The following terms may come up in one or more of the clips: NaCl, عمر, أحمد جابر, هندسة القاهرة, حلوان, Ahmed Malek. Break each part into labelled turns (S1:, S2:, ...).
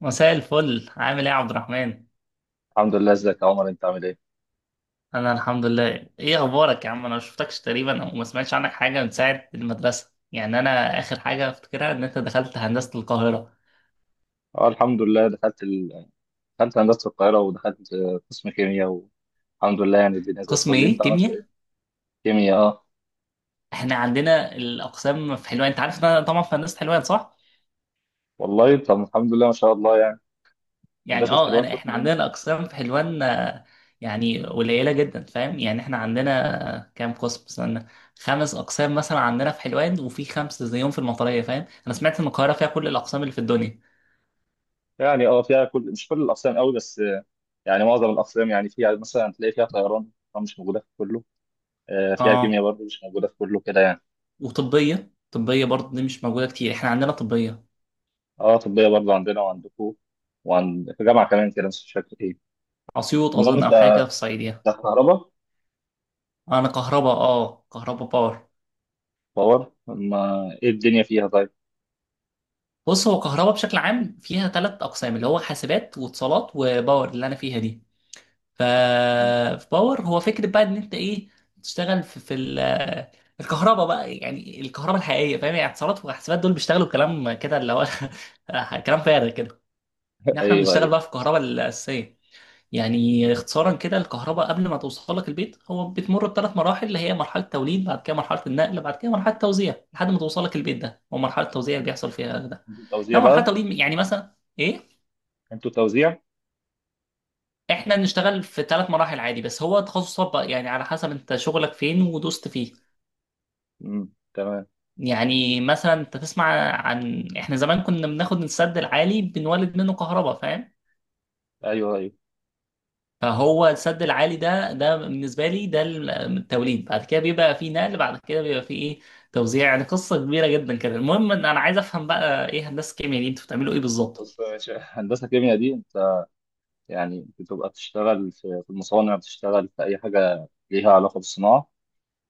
S1: مساء الفل، عامل ايه يا عبد الرحمن؟
S2: الحمد لله، ازيك يا عمر؟ انت عامل ايه؟
S1: انا الحمد لله. ايه اخبارك يا عم؟ انا ما شفتكش تقريبا او ما سمعتش عنك حاجه من ساعه المدرسه. انا اخر حاجه افتكرها ان انت دخلت هندسه القاهره.
S2: اه الحمد لله، دخلت هندسة القاهرة، ودخلت قسم كيمياء، والحمد لله. يعني الدنيا زي
S1: قسم
S2: الفل.
S1: ايه،
S2: انت عملت
S1: كيمياء؟
S2: ايه؟ كيمياء اه.
S1: احنا عندنا الاقسام في حلوان، انت عارف ان انا طبعا في هندسه حلوان صح؟
S2: والله طب الحمد لله، ما شاء الله يعني.
S1: يعني
S2: هندسة
S1: اه
S2: حلوان
S1: انا
S2: قسم
S1: احنا عندنا
S2: ايه؟
S1: الاقسام في حلوان يعني قليله جدا، فاهم؟ احنا عندنا كام قسم، استنى، خمس اقسام مثلا عندنا في حلوان، وفي خمسه زيهم في المطريه، فاهم؟ انا سمعت ان القاهره فيها كل الاقسام اللي في الدنيا.
S2: يعني اه فيها كل، مش كل الأقسام قوي، بس يعني معظم الأقسام. يعني فيها مثلا، هتلاقي فيها طيران، طبعاً مش موجودة في كله. فيها كيمياء
S1: اه،
S2: برضه، مش موجودة في كله كده يعني.
S1: وطبية، طبية برضه دي مش موجودة كتير، احنا عندنا طبية.
S2: اه طبية برضه، عندنا وعندكم، وعند في جامعة كمان كده، بس مش فاكر ايه.
S1: أسيوط
S2: المهم
S1: أظن،
S2: انت،
S1: أو حاجة كده في الصعيدية.
S2: أنت كهرباء
S1: أنا كهرباء، اه كهرباء باور.
S2: باور. ما ايه الدنيا فيها؟
S1: بص، هو كهرباء بشكل عام فيها ثلاث أقسام، اللي هو حاسبات واتصالات وباور اللي أنا فيها دي. ف
S2: طيب؟
S1: في باور هو فكرة بقى إن أنت إيه، تشتغل في الكهرباء بقى، يعني الكهرباء الحقيقية، فاهم؟ يعني اتصالات وحاسبات دول بيشتغلوا كلام كده اللي هو كلام فارغ كده، إن احنا
S2: ايوه
S1: بنشتغل
S2: ايوه.
S1: بقى في الكهرباء الأساسية. يعني
S2: مم.
S1: اختصارا كده، الكهرباء قبل ما توصل لك البيت هو بتمر بثلاث مراحل، اللي هي مرحلة توليد، بعد كده مرحلة النقل، بعد كده مرحلة توزيع لحد ما توصل لك البيت. ده هو مرحلة توزيع اللي
S2: مم.
S1: بيحصل فيها ده.
S2: انتوا توزيع
S1: لو مرحلة
S2: بقى.
S1: توليد يعني مثلا ايه،
S2: انتوا توزيع.
S1: احنا بنشتغل في ثلاث مراحل عادي، بس هو تخصصات بقى يعني على حسب انت شغلك فين ودوست فيه.
S2: مم. تمام.
S1: يعني مثلا انت تسمع عن احنا زمان كنا بناخد السد العالي بنولد منه كهرباء، فاهم؟
S2: ايوه ايوه.
S1: فهو السد العالي ده، ده بالنسبه لي ده التوليد، بعد كده بيبقى فيه نقل، بعد كده بيبقى فيه ايه، توزيع. يعني قصه كبيره جدا كده. المهم ان انا عايز افهم بقى ايه هندسه الكيمياء دي، انتوا بتعملوا ايه بالظبط؟
S2: بص يا باشا، هندسه كيمياء دي انت يعني بتبقى بتشتغل في المصانع، بتشتغل في اي حاجه ليها علاقه بالصناعه.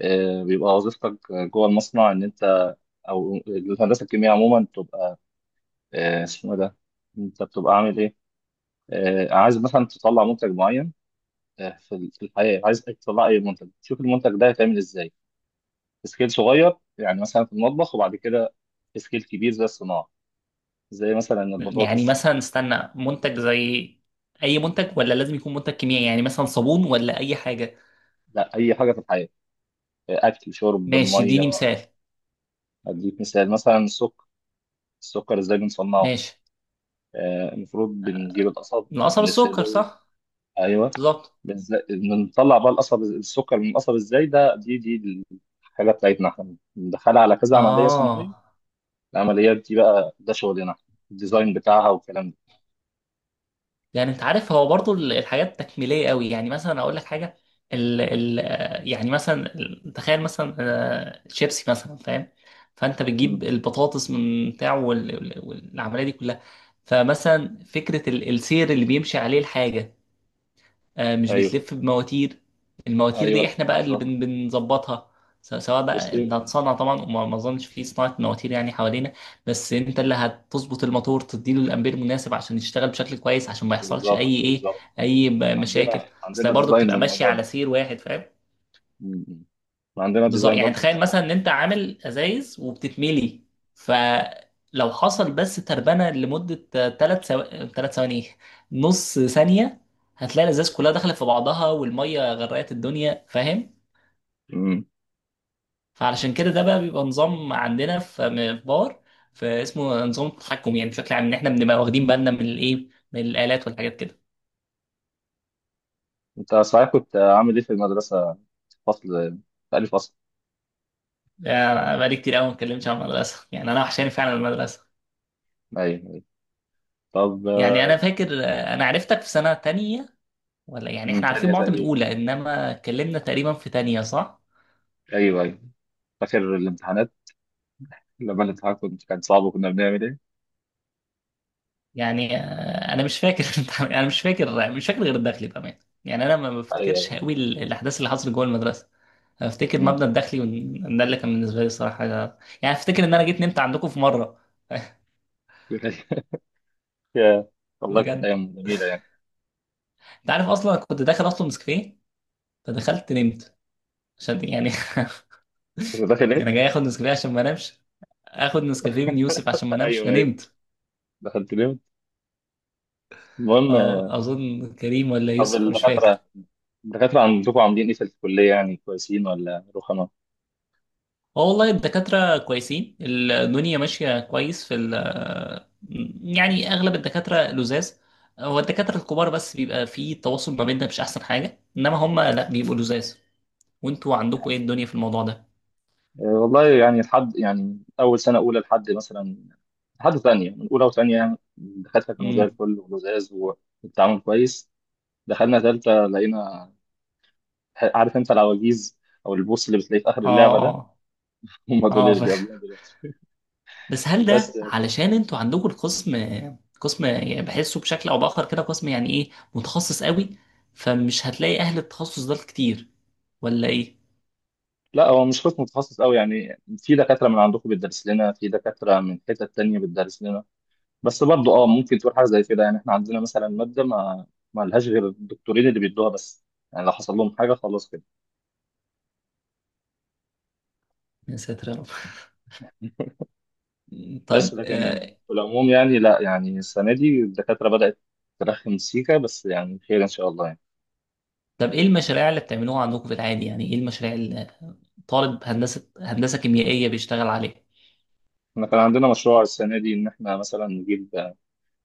S2: بيبقى وظيفتك جوه المصنع ان انت، او الهندسه الكيمياء عموما بتبقى اسمه إيه ده، انت بتبقى عامل ايه. عايز مثلا تطلع منتج معين. في الحياه، عايز تطلع اي منتج تشوف المنتج ده هيتعمل ازاي. سكيل صغير يعني مثلا في المطبخ، وبعد كده سكيل كبير زي الصناعه، زي مثلا
S1: يعني
S2: البطاطس.
S1: مثلا استنى، منتج زي اي منتج، ولا لازم يكون منتج كيميائي؟ يعني مثلا صابون ولا اي حاجه؟
S2: لا، اي حاجه في الحياه، اكل شرب
S1: ماشي اديني
S2: ميه.
S1: مثال.
S2: اديك مثال، مثلا السكر. السكر ازاي بنصنعه؟
S1: ماشي.
S2: المفروض بنجيب القصب
S1: القصب السكر
S2: ونغسله.
S1: صح.
S2: ايوه
S1: بالظبط.
S2: بنطلع بقى القصب السكر من القصب. ازاي ده؟ دي الحاجه بتاعتنا، احنا بندخلها على كذا عمليه
S1: اه،
S2: صناعيه. العمليات دي بقى، ده شغلنا، الديزاين بتاعها والكلام ده.
S1: يعني انت عارف هو برضو الحاجات تكميليه قوي، يعني مثلا اقول لك حاجه، ال ال يعني مثلا ال- تخيل مثلا شيبسي مثلا، فاهم؟ فانت بتجيب
S2: مم.
S1: البطاطس من بتاعه، وال- وال- والعمليه دي كلها، فمثلا فكره السير اللي بيمشي عليه الحاجه مش
S2: ايوه
S1: بتلف بمواتير؟ المواتير دي
S2: ايوه.
S1: احنا بقى اللي
S2: بالظبط
S1: بنظبطها. سواء بقى انت هتصنع طبعا، وما ما اظنش في صناعة مواتير يعني حوالينا، بس انت اللي هتظبط الموتور، تديله الامبير المناسب عشان يشتغل بشكل كويس، عشان ما يحصلش
S2: بالظبط
S1: اي ايه،
S2: بالظبط.
S1: اي
S2: عندنا،
S1: مشاكل. اصل
S2: عندنا
S1: هي برضه
S2: ديزاين
S1: بتبقى ماشية
S2: للموضوع
S1: على
S2: ده.
S1: سير واحد، فاهم؟
S2: م- م. عندنا
S1: بالظبط.
S2: ديزاين
S1: يعني
S2: برضه
S1: تخيل
S2: للموضوع
S1: مثلا
S2: ده.
S1: ان انت عامل ازايز وبتتملي، فلو حصل بس تربنه لمده ثلاث ثو... ثلاث ثواني، ايه، نص ثانيه، هتلاقي الازاز كلها دخلت في بعضها والميه غرقت الدنيا، فاهم؟
S2: م- م.
S1: فعلشان كده ده بقى بيبقى نظام عندنا في في باور، فاسمه نظام التحكم. يعني بشكل عام ان احنا بنبقى واخدين بالنا من الايه، من الالات والحاجات كده.
S2: انت صحيح كنت عامل ايه في المدرسة؟ فصل؟ تاني فصل؟
S1: يعني بقالي كتير قوي ما اتكلمتش عن المدرسه، يعني انا وحشاني فعلا المدرسه.
S2: ايوه أيوة. طب،
S1: يعني انا فاكر انا عرفتك في سنه تانية، ولا يعني
S2: م،
S1: احنا عارفين
S2: تانية
S1: بعض من
S2: تقريبا.
S1: اولى، انما اتكلمنا تقريبا في تانية صح؟
S2: ايوه ايوه. فاكر الامتحانات؟ لما الامتحان كنت كان صعب، وكنا بنعمل ايه؟
S1: يعني انا مش فاكر. انا مش فاكر، مش فاكر غير الداخلي بامان. يعني انا ما
S2: ايوه
S1: بفتكرش
S2: أيوة.
S1: قوي الاحداث اللي حصلت جوه المدرسه. أنا افتكر
S2: م.
S1: مبنى الداخلي، ده اللي كان بالنسبه لي الصراحه حاجه، يعني افتكر ان انا جيت نمت عندكم في مره.
S2: يا، والله كانت
S1: بجد،
S2: ايام جميلة يعني.
S1: انت عارف اصلا كنت داخل اطلب نسكافيه فدخلت نمت عشان يعني
S2: كنت داخل ايه؟
S1: يعني جاي اخد نسكافيه عشان ما انامش، اخد نسكافيه من يوسف عشان ما انامش
S2: ايوه ايوه.
S1: فنمت.
S2: دخلت ليه؟ المهم.
S1: اه اظن كريم ولا
S2: طب
S1: يوسف، مش
S2: الدكاترة،
S1: فاكر.
S2: الدكاترة عندكم عاملين ايه في الكلية؟ يعني كويسين ولا رخمة؟
S1: اه والله الدكاترة كويسين، الدنيا ماشية كويس في ال، يعني أغلب الدكاترة لزاز. هو الدكاترة الكبار بس بيبقى في تواصل ما بيننا مش أحسن حاجة، إنما هم لأ بيبقوا لزاز. وأنتوا عندكم إيه الدنيا في الموضوع ده؟
S2: والله يعني لحد، يعني أول سنة أولى لحد مثلا، لحد تانية، من أولى وتانية يعني الدكاترة كانوا زي
S1: امم.
S2: الفل ولزاز، والتعامل كويس. دخلنا تالتة لقينا، عارف أنت العواجيز أو البوس اللي بتلاقيه في آخر
S1: اه
S2: اللعبة ده؟
S1: اه.
S2: هم دول
S1: اه
S2: اللي بيقابلونا دلوقتي.
S1: بس هل
S2: بس
S1: ده علشان أنتوا عندكم القسم، قسم يعني بحسه بشكل أو بآخر كده قسم يعني إيه متخصص قوي، فمش هتلاقي أهل التخصص ده كتير، ولا إيه؟
S2: لا، هو مش قسم متخصص أوي، يعني في دكاترة من عندكم بتدرس لنا، في دكاترة من حتة تانية بتدرس لنا. بس برضه أه ممكن تقول حاجة زي كده، يعني إحنا عندنا مثلا مادة ما ما لهاش غير الدكتورين اللي بيدوها بس. يعني لو حصل لهم حاجة خلاص كده.
S1: يا ساتر يا رب.
S2: بس
S1: طيب
S2: لكن في العموم يعني لا، يعني السنة دي الدكاترة بدأت ترخم سيكا، بس يعني خير إن شاء الله يعني.
S1: طب ايه المشاريع اللي بتعملوها عندكم في العادي؟ يعني ايه المشاريع اللي طالب هندسة كيميائية بيشتغل عليها؟
S2: احنا كان عندنا مشروع السنة دي، إن احنا مثلا نجيب،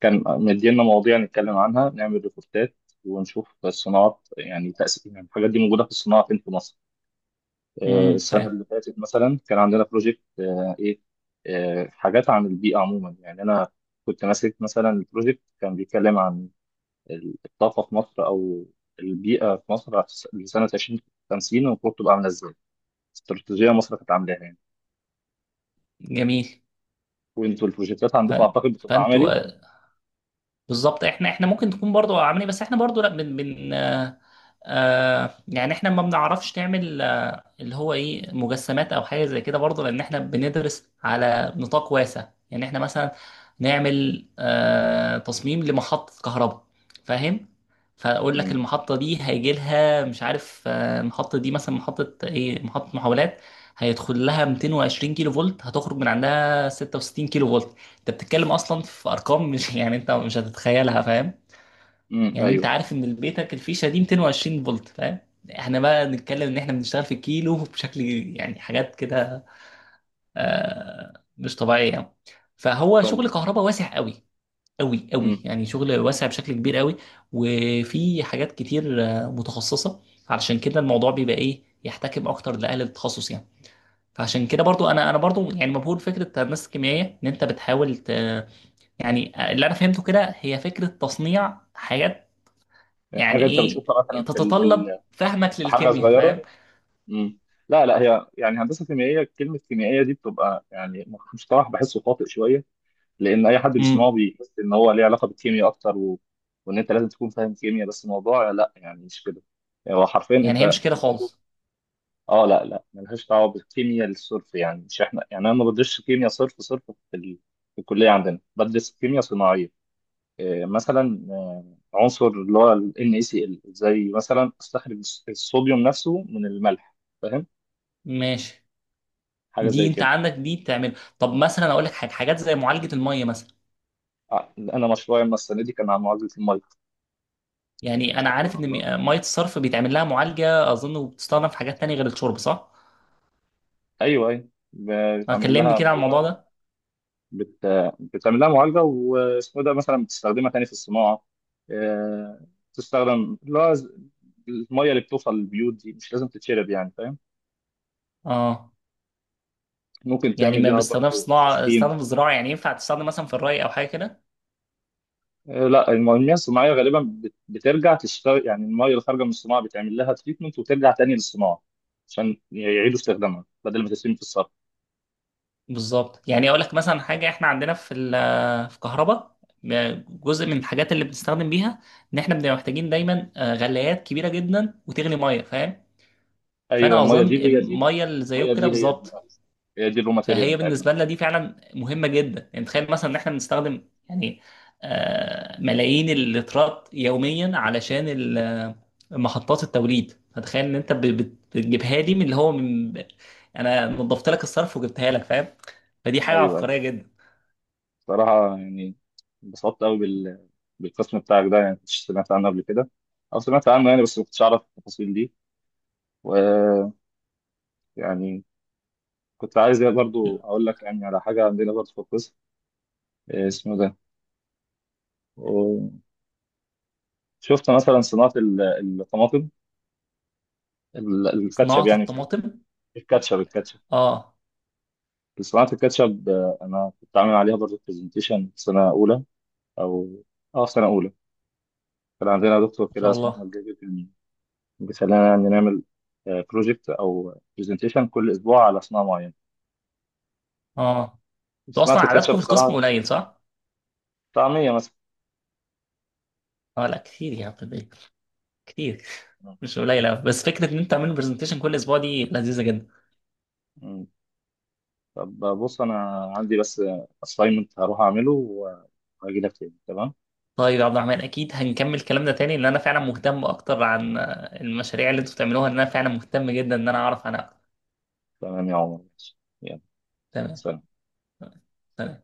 S2: كان مدينا مواضيع نتكلم عنها، نعمل ريبورتات ونشوف الصناعات، يعني تأثير، يعني الحاجات دي موجودة في الصناعة فين في مصر.
S1: امم،
S2: السنة
S1: فاهم.
S2: اللي فاتت مثلا كان عندنا بروجكت إيه حاجات عن البيئة عموما. يعني أنا كنت ماسك مثلا البروجكت، كان بيتكلم عن الطاقة في مصر، أو البيئة في مصر، لسنة 2050 المفروض تبقى عاملة إزاي، استراتيجية مصر كانت عاملاها يعني.
S1: جميل.
S2: وأنتوا البروجكتات
S1: ف...
S2: عندكم أعتقد بتبقى
S1: فانتوا
S2: عملي.
S1: بالظبط احنا، احنا ممكن تكون برضو عاملين إيه، بس احنا برضو لا بن بن آه آه يعني احنا ما بنعرفش نعمل آه اللي هو ايه، مجسمات او حاجه زي كده برضو، لان احنا بندرس على نطاق واسع. يعني احنا مثلا نعمل آه تصميم لمحطه كهرباء، فاهم؟ فاقول لك
S2: امم.
S1: المحطه دي هيجي لها مش عارف، المحطه دي مثلا محطه ايه، محطه محولات، هيدخل لها 220 كيلو فولت، هتخرج من عندها 66 كيلو فولت. انت بتتكلم اصلا في ارقام مش يعني انت مش هتتخيلها، فاهم؟ يعني انت
S2: أيوه.
S1: عارف ان البيتك الفيشه دي 220 فولت، فاهم؟ احنا بقى نتكلم ان احنا بنشتغل في كيلو بشكل يعني حاجات كده آه مش طبيعيه يعني. فهو شغل
S2: طب
S1: كهرباء واسع قوي، قوي
S2: امم
S1: قوي، يعني شغل واسع بشكل كبير قوي. وفي حاجات كتير متخصصه، علشان كده الموضوع بيبقى ايه، يحتكم اكتر لاهل التخصص يعني. فعشان كده برضو انا برضو يعني مبهور فكره الناس الكيميائيه ان انت بتحاول يعني اللي انا فهمته كده هي فكره تصنيع حاجات يعني،
S2: حاجة أنت
S1: ايه،
S2: بتشوفها مثلا
S1: تتطلب فهمك
S2: في حاجة
S1: للكيمياء، فاهم؟
S2: صغيرة. امم. لا لا، هي يعني هندسة كيميائية، كلمة كيميائية دي بتبقى يعني مصطلح بحسه خاطئ شوية، لأن أي حد بيسمعه
S1: امم.
S2: بيحس إن هو ليه علاقة بالكيمياء أكتر، وإن أنت لازم تكون فاهم كيمياء، بس الموضوع لا، يعني مش كده. يعني هو حرفيا
S1: يعني هي
S2: أنت
S1: مش كده خالص.
S2: اه. لا لا، ملهاش دعوه بالكيمياء الصرف، يعني مش احنا، يعني انا ما بدرسش كيمياء صرف صرف في, ال... في الكليه عندنا بدرس كيمياء صناعيه. إيه مثلا، عنصر اللي هو ال NaCl، زي مثلا استخرج الصوديوم نفسه من الملح، فاهم؟
S1: ماشي.
S2: حاجه
S1: دي
S2: زي
S1: انت
S2: كده.
S1: عندك دي تعمل؟ طب مثلا اقول لك حاجه، حاجات زي معالجه الميه مثلا.
S2: انا مشروعي أما السنه دي كان عن معالجه الميه.
S1: يعني انا عارف
S2: سبحان
S1: ان
S2: الله.
S1: ميه الصرف بيتعمل لها معالجه اظن، وبتستخدم في حاجات تانية غير الشرب صح؟
S2: ايوه ايوه بتعمل
S1: كلمني
S2: لها
S1: كده عن
S2: معالجه.
S1: الموضوع ده.
S2: بت... بتعمل لها معالجه، واسمه ده، مثلا بتستخدمها تاني في الصناعه. آه، تستخدم اللي هو الميه اللي بتوصل للبيوت دي مش لازم تتشرب يعني، فاهم؟
S1: اه،
S2: ممكن
S1: يعني
S2: تعمل
S1: ما
S2: بيها
S1: بيستخدم في
S2: برضه
S1: صناعه،
S2: تسخين.
S1: استخدام في الزراعه يعني، ينفع تستخدم مثلا في الري او حاجه كده؟
S2: لا، المياه الصناعيه غالبا بترجع تشتغل، يعني الميه اللي خارجه من الصناعه بتعمل لها تريتمنت وترجع تاني للصناعه، عشان يعيدوا استخدامها بدل ما تترمي في الصرف.
S1: بالظبط. يعني اقول لك مثلا حاجه، احنا عندنا في في كهرباء، جزء من الحاجات اللي بنستخدم بيها ان احنا بنبقى محتاجين دايما غلايات كبيره جدا، وتغلي ميه، فاهم؟
S2: ايوه
S1: فانا
S2: الميه
S1: اظن
S2: دي هي دي،
S1: الميه اللي
S2: الميه
S1: زيك كده
S2: دي هي دي
S1: بالظبط.
S2: أيوة. هي دي الرو ماتيريال
S1: فهي
S2: بتاعتنا.
S1: بالنسبه لنا دي فعلا مهمه جدا. يعني تخيل مثلا ان احنا بنستخدم يعني ملايين اللترات يوميا علشان محطات التوليد. فتخيل ان انت بتجيبها لي من اللي هو من، انا نظفت لك الصرف وجبتها لك، فاهم؟ فدي حاجه
S2: ايوه.
S1: عبقريه جدا.
S2: صراحة يعني انبسطت قوي بالقسم بتاعك ده، يعني مش سمعت عنه قبل كده، أو سمعت عنه يعني بس ما كنتش أعرف التفاصيل دي. ويعني كنت عايز يعني برضو أقول لك يعني على حاجة عندنا برضو في القسم. اسمه ده و- شفت مثلا صناعة الطماطم، الكاتشب
S1: صناعة
S2: يعني، في
S1: الطماطم.
S2: الكاتشب، الكاتشب،
S1: اه
S2: صناعة الكاتشب. أنا كنت عامل عليها برضو برزنتيشن في سنة أولى، أو أه في سنة أولى كان عندنا دكتور
S1: ما
S2: كده
S1: شاء
S2: اسمه
S1: الله.
S2: أحمد جابر، بيخلينا نعمل بروجكت او برزنتيشن كل اسبوع على صناعه معينه.
S1: اه، انتوا
S2: صناعه
S1: اصلا
S2: الكاتشب
S1: عددكم في القسم
S2: بصراحه،
S1: قليل صح؟
S2: طعميه مثلا.
S1: اه لا كتير يا عبد الباقي، كتير، مش قليل أوي. بس فكرة ان انت تعمل برزنتيشن كل اسبوع دي لذيذة جدا.
S2: مم. طب بص انا عندي بس assignment، هروح اعمله وهجي لك تاني. تمام،
S1: طيب يا عبد الرحمن، اكيد هنكمل كلامنا تاني، لان انا فعلا مهتم اكتر عن المشاريع اللي انتوا بتعملوها، لان انا فعلا مهتم جدا ان انا اعرف عنها اكتر.
S2: تمام يا عمر ماشي. يلا،
S1: تمام.
S2: سلام.
S1: تمام.